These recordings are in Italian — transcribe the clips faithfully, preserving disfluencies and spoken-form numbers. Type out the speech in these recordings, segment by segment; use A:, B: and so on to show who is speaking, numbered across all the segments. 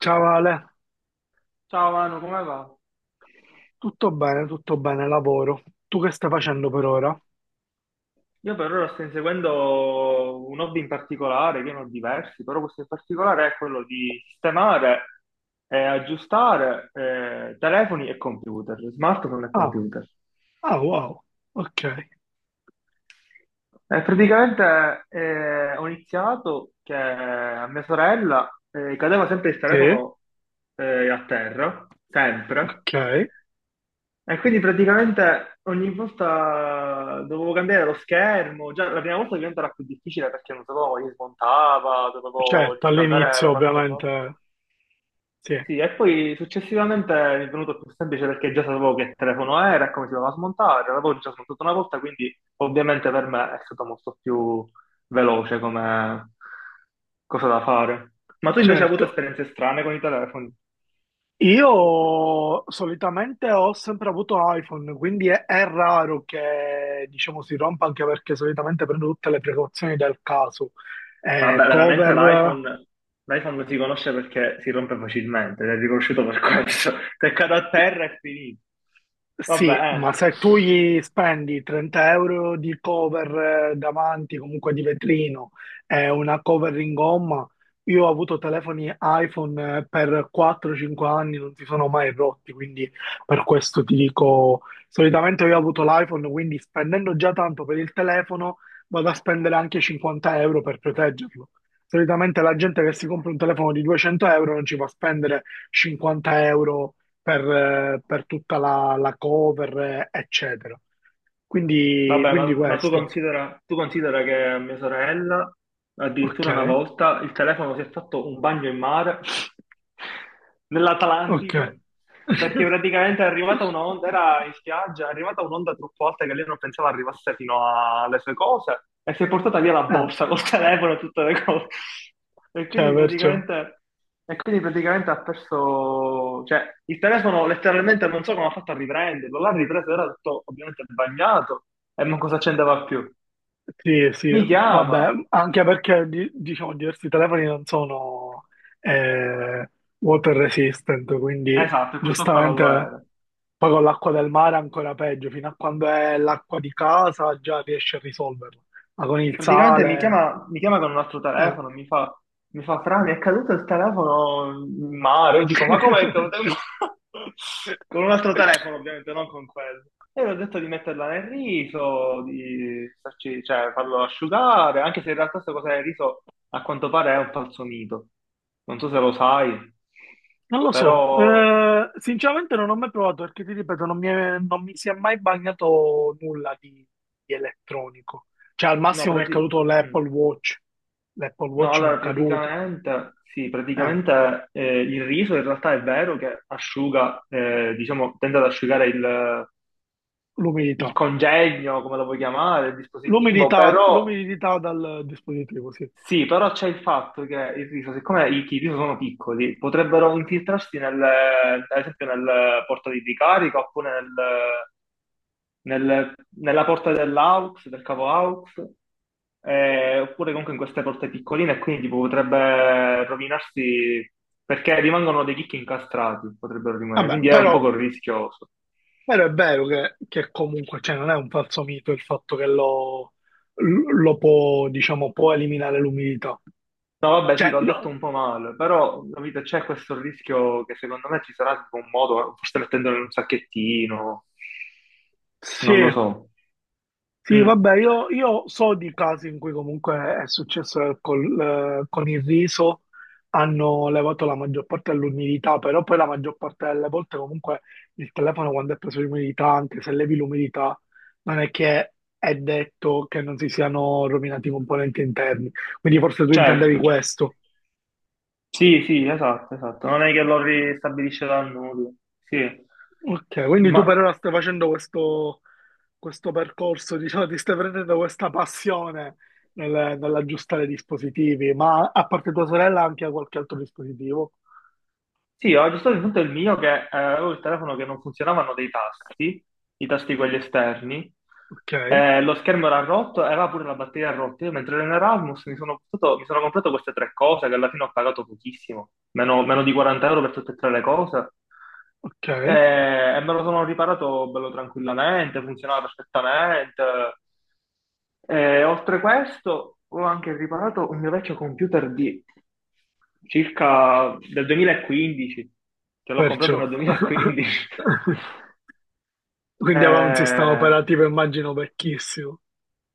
A: Ciao Ale,
B: Ciao Manu, come va?
A: tutto bene, tutto bene, lavoro. Tu che stai facendo per ora?
B: Io per ora sto inseguendo un hobby in particolare, che ne ho diversi, però questo in particolare è quello di sistemare e aggiustare eh, telefoni e computer, smartphone e
A: Ah,
B: computer.
A: ah, wow, ok.
B: Eh, praticamente eh, ho iniziato che a mia sorella eh, cadeva sempre il
A: Sì,
B: telefono eh, a terra, sempre.
A: ok.
B: E quindi praticamente ogni volta dovevo cambiare lo schermo, già la prima volta diventava più difficile perché non sapevo come li smontava, dovevo
A: Certo,
B: riscaldare
A: all'inizio
B: la parte sopra.
A: ovviamente, sì,
B: Sì, e poi successivamente mi è venuto più semplice perché già sapevo che telefono era e come si doveva smontare, l'avevo già smontato una volta, quindi ovviamente per me è stato molto più veloce come cosa da fare. Ma tu invece hai avuto
A: certo.
B: esperienze strane con i telefoni?
A: Io solitamente ho sempre avuto iPhone, quindi è, è raro che, diciamo, si rompa anche perché solitamente prendo tutte le precauzioni del caso. Eh,
B: Vabbè, veramente
A: cover.
B: l'iPhone l'iPhone si conosce perché si rompe facilmente, ed è riconosciuto per questo. Se cade a terra è finito.
A: Sì,
B: Vabbè,
A: ma
B: eh.
A: se tu gli spendi trenta euro di cover eh, davanti, comunque di vetrino, e una cover in gomma, io ho avuto telefoni iPhone eh, per quattro cinque anni, non si sono mai rotti, quindi per questo ti dico, solitamente io ho avuto l'iPhone, quindi spendendo già tanto per il telefono, vado a spendere anche cinquanta euro per proteggerlo. Solitamente la gente che si compra un telefono di duecento euro non ci va a spendere cinquanta euro per, eh, per tutta la, la cover, eh, eccetera. Quindi,
B: Vabbè,
A: quindi
B: ma, ma tu
A: questo.
B: considera, tu considera che a mia sorella,
A: Ok,
B: addirittura una volta, il telefono si è fatto un bagno in mare
A: ok.
B: nell'Atlantico, perché praticamente è arrivata un'onda, era in spiaggia, è arrivata un'onda troppo alta che lei non pensava arrivasse fino a- alle sue cose e si è portata via la
A: Ah,
B: borsa col telefono e tutte le cose. E
A: cioè,
B: quindi
A: perciò.
B: praticamente, e quindi praticamente ha perso, cioè il telefono letteralmente non so come ha fatto a riprenderlo, l'ha ripreso, era tutto ovviamente bagnato. E non cosa c'entrava più.
A: Sì, sì,
B: Mi
A: vabbè,
B: chiama.
A: anche perché di- diciamo diversi telefoni non sono eh, water resistant, quindi
B: Esatto, e questo qua non lo
A: giustamente
B: era.
A: poi con l'acqua del mare è ancora peggio, fino a quando è l'acqua di casa già riesce a risolverla, ma con il
B: Praticamente mi
A: sale,
B: chiama, mi chiama con un altro
A: eh.
B: telefono, mi fa, mi fa, Fra, mi è caduto il telefono in mare. Io dico, ma come è caduto in mare? Con un altro telefono, ovviamente, non con quello. E gli ho detto di metterla nel riso, di farci- cioè, farlo asciugare, anche se in realtà questa cosa del riso a quanto pare è un falso mito. Non so se lo sai,
A: Non lo so.
B: però...
A: Eh, sinceramente non ho mai provato perché ti ripeto, non mi, è- non mi si è mai bagnato nulla di, di elettronico. Cioè, al
B: No,
A: massimo mi è caduto
B: praticamente...
A: l'Apple Watch. L'Apple
B: No,
A: Watch mi è
B: allora
A: caduto.
B: praticamente, sì,
A: Eh,
B: praticamente eh, il riso in realtà è vero che asciuga, eh, diciamo, tende ad asciugare il, il
A: L'umidità.
B: congegno, come lo vuoi chiamare, il dispositivo,
A: L'umidità
B: però
A: l'umidità dal dispositivo, sì.
B: sì, però c'è il fatto che il riso, siccome i, i riso sono piccoli, potrebbero infiltrarsi nel, ad esempio nel portatile di ricarica oppure nel, nel- nella porta dell'aux, del cavo aux, eh, oppure comunque in queste porte piccoline, e quindi tipo, potrebbe rovinarsi perché rimangono dei chicchi incastrati, potrebbero rimanere,
A: Vabbè,
B: quindi è un
A: però,
B: poco rischioso.
A: però è vero che, che comunque, cioè, non è un falso mito il fatto che lo, lo può, diciamo, può eliminare l'umidità.
B: No, vabbè, sì,
A: Cioè,
B: l'ho detto
A: no,
B: un po' male, però capite, c'è questo rischio che secondo me ci sarà tipo un modo, forse mettendolo in un sacchettino,
A: sì.
B: non lo so.
A: Sì,
B: Mm.
A: vabbè, io, io so di casi in cui comunque è successo che col- eh, con il riso hanno levato la maggior parte dell'umidità, però poi la maggior parte delle volte comunque il telefono quando è preso l'umidità, anche se levi l'umidità, non è che è detto che non si siano rovinati i componenti interni. Quindi forse tu intendevi
B: Certo.
A: questo.
B: Sì, sì, esatto, esatto. Non è che lo ristabilisce dal nulla. Sì.
A: Ok, quindi tu per
B: Ma
A: ora stai facendo questo, questo percorso, diciamo, ti stai prendendo questa passione nel- nell'aggiustare i dispositivi, ma a parte tua sorella anche a qualche altro dispositivo.
B: sì, ho aggiustato il punto del mio che eh, avevo il telefono che non funzionavano dei tasti, i tasti quelli esterni,
A: Ok,
B: eh, lo schermo era rotto e aveva pure la batteria rotta. Io mentre ero in Erasmus mi sono, portato- mi sono comprato queste tre cose che alla fine ho pagato pochissimo, meno, meno di quaranta euro per tutte e tre le cose.
A: ok,
B: Eh, e me lo sono riparato bello tranquillamente, funzionava perfettamente. Eh, oltre questo, ho anche riparato un mio vecchio computer di circa del duemilaquindici, che l'ho comprato
A: perciò.
B: nel duemilaquindici.
A: Quindi aveva un sistema
B: Eh,
A: operativo, immagino, vecchissimo.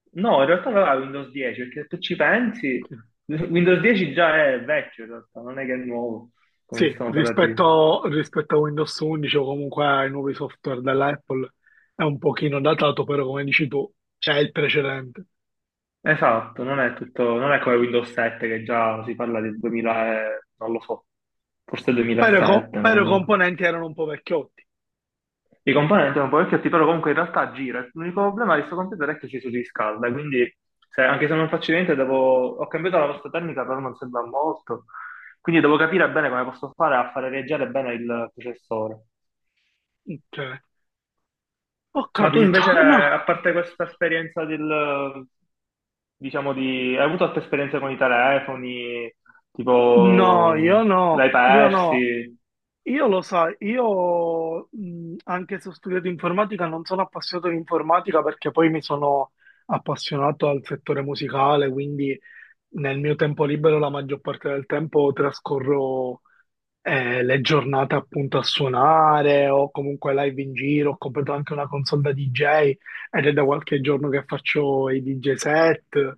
B: no, in realtà non era Windows dieci, perché se tu ci pensi,
A: Ok.
B: Windows dieci già è vecchio in realtà, non è che è nuovo come
A: Sì,
B: sistema operativo.
A: rispetto, rispetto a Windows 11 o comunque ai nuovi software dell'Apple è un pochino datato, però come dici tu, c'è il precedente.
B: Esatto, non è tutto, non è come Windows sette che già si parla del duemila, e- non lo so, forse
A: Però, i co-
B: duemilasette,
A: però i
B: non-
A: componenti erano un po' vecchiotti.
B: I componenti sono parecchio però comunque in realtà gira. L'unico problema di questo computer è che si surriscalda, quindi se- anche se non faccio niente, devo... ho cambiato la vostra tecnica, però non sembra molto. Quindi devo capire bene come posso fare a fare reagire bene il processore.
A: Ok, ho
B: Ma tu
A: capito.
B: invece, a parte questa esperienza del, diciamo, di... hai avuto altre esperienze con i telefoni,
A: No, no,
B: tipo,
A: io
B: l'hai
A: no, io no.
B: persi?
A: Io lo sai, io mh, anche se ho studiato informatica non sono appassionato di informatica perché poi mi sono appassionato al settore musicale, quindi nel mio tempo libero la maggior parte del tempo trascorro eh, le giornate appunto a suonare o comunque live in giro. Ho comprato anche una console da D J ed è da qualche giorno che faccio i D J set.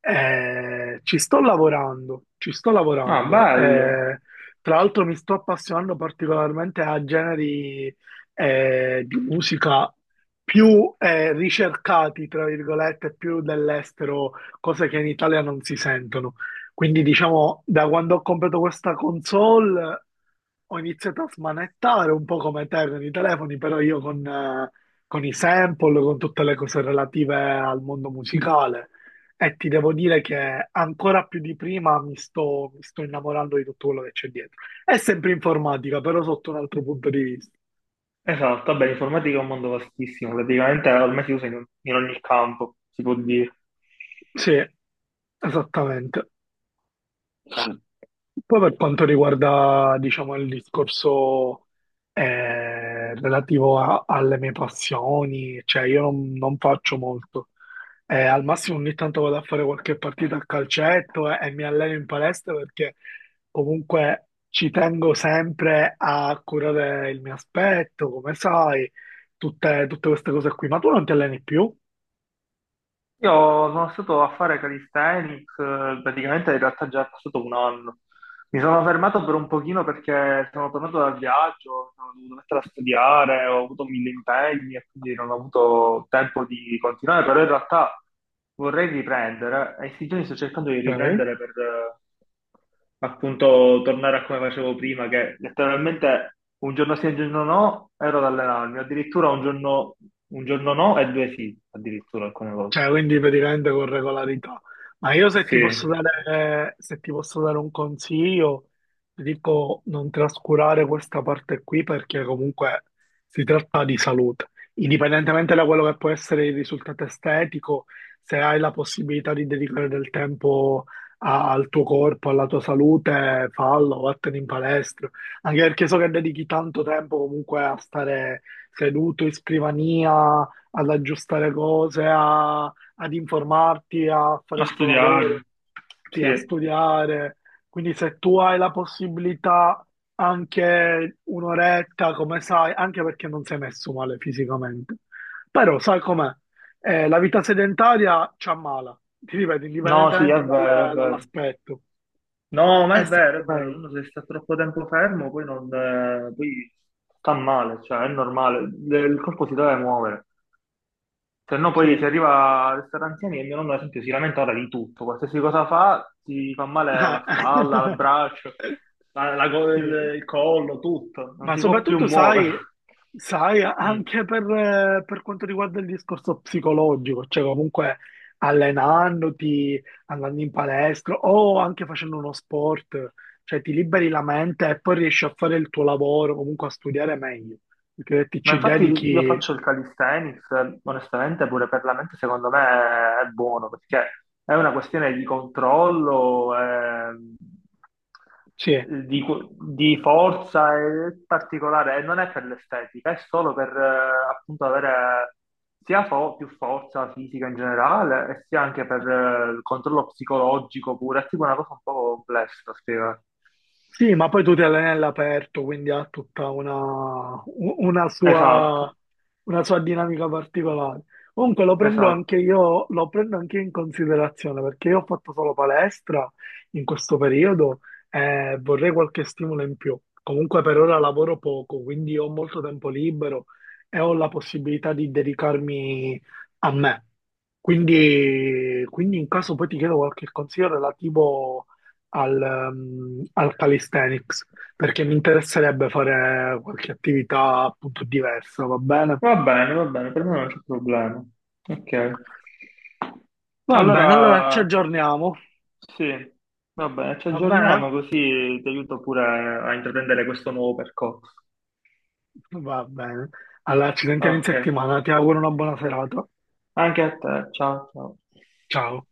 A: Eh, ci sto lavorando, ci sto
B: Ah,
A: lavorando.
B: bello.
A: Eh, tra l'altro mi sto appassionando particolarmente a generi eh, di musica più eh, ricercati, tra virgolette, più dell'estero, cose che in Italia non si sentono. Quindi diciamo, da quando ho comprato questa console ho iniziato a smanettare un po' come te con i telefoni, però io con, eh, con i sample, con tutte le cose relative al mondo musicale. E ti devo dire che ancora più di prima mi sto, mi sto innamorando di tutto quello che c'è dietro. È sempre informatica, però sotto un altro punto di vista.
B: Esatto, vabbè, l'informatica è un mondo vastissimo, praticamente ormai si usa in, in ogni campo, si può dire.
A: Sì, esattamente. Poi per quanto riguarda, diciamo, il discorso eh, relativo a- alle mie passioni, cioè io non non faccio molto. Eh, al massimo ogni tanto vado a fare qualche partita a calcetto eh, e mi alleno in palestra perché comunque ci tengo sempre a curare il mio aspetto, come sai, tutte, tutte queste cose qui. Ma tu non ti alleni più?
B: Io sono stato a fare calisthenics, eh, praticamente in realtà già è passato un anno. Mi sono fermato per un pochino perché sono tornato dal viaggio, sono dovuto mettere a studiare, ho avuto mille impegni e quindi non ho avuto tempo di continuare, però in realtà vorrei riprendere e in questi giorni sto cercando di
A: Ok?
B: riprendere per eh, appunto tornare a come facevo prima, che letteralmente un giorno sì e un giorno no ero ad allenarmi, addirittura un giorno, un giorno no e due sì, addirittura alcune volte.
A: Cioè, quindi praticamente con regolarità. Ma io se
B: Sì,
A: ti posso dare, se ti posso dare un consiglio, ti dico non trascurare questa parte qui perché comunque si tratta di salute. Indipendentemente da quello che può essere il risultato estetico, se hai la possibilità di dedicare del tempo a- al tuo corpo, alla tua salute, fallo, vattene in palestra. Anche perché so che dedichi tanto tempo comunque a stare seduto in scrivania ad aggiustare cose, a- ad informarti, a fare
B: a
A: il tuo lavoro,
B: studiare,
A: sì, a
B: sì.
A: studiare. Quindi se tu hai la possibilità anche un'oretta, come sai, anche perché non sei messo male fisicamente. Però sai com'è? Eh, la vita sedentaria ci ammala, ti ripeto,
B: No, sì, è
A: indipendentemente
B: vero, è
A: dal-
B: vero.
A: dall'aspetto.
B: No, ma
A: È
B: è vero, è
A: sempre
B: vero,
A: meglio.
B: uno se sta troppo tempo fermo poi, non, eh, poi sta male, cioè è normale, Le- il corpo si deve muovere, se no poi
A: Sì.
B: si arriva a restare anziani e mio nonno ad esempio si lamenta ora di tutto, qualsiasi cosa fa, si fa male o la spalla, il braccio, la- la co-
A: Sì.
B: il, il collo, tutto, non
A: Ma
B: si può più
A: soprattutto
B: muovere.
A: sai, sai,
B: Mm.
A: anche per, eh, per quanto riguarda il discorso psicologico, cioè comunque allenandoti, andando in palestra o anche facendo uno sport, cioè ti liberi la mente e poi riesci a fare il tuo lavoro, comunque a studiare meglio, perché ti
B: Ma
A: ci
B: infatti io
A: dedichi,
B: faccio il calisthenics, eh, onestamente pure per la mente secondo me è buono, perché è una questione di controllo, ehm,
A: sì.
B: di, di forza è particolare, e non è per l'estetica, è solo per eh, appunto avere sia fo- più forza fisica in generale, e sia anche per eh, il controllo psicologico pure, è tipo una cosa un po' complessa da spiegare.
A: Sì, ma poi tu ti alleni all'aperto, quindi ha tutta una, u- una
B: Esatto,
A: sua, una sua dinamica particolare. Comunque lo prendo anche
B: esatto.
A: io, lo prendo anche io in considerazione perché io ho fatto solo palestra in questo periodo e vorrei qualche stimolo in più. Comunque per ora lavoro poco, quindi ho molto tempo libero e ho la possibilità di dedicarmi a me. Quindi, quindi in caso poi ti chiedo qualche consiglio relativo al, ehm, al calisthenics, perché mi interesserebbe fare qualche attività appunto diversa, va bene?
B: Va bene, va bene, per me non c'è problema. Ok.
A: Va bene, allora ci
B: Allora,
A: aggiorniamo,
B: sì, va bene, ci
A: va bene?
B: aggiorniamo così ti aiuto pure a a intraprendere questo nuovo percorso.
A: Va bene. Allora, ci sentiamo in
B: Ok,
A: settimana, ti auguro una buona serata.
B: anche a te, ciao, ciao.
A: Ciao.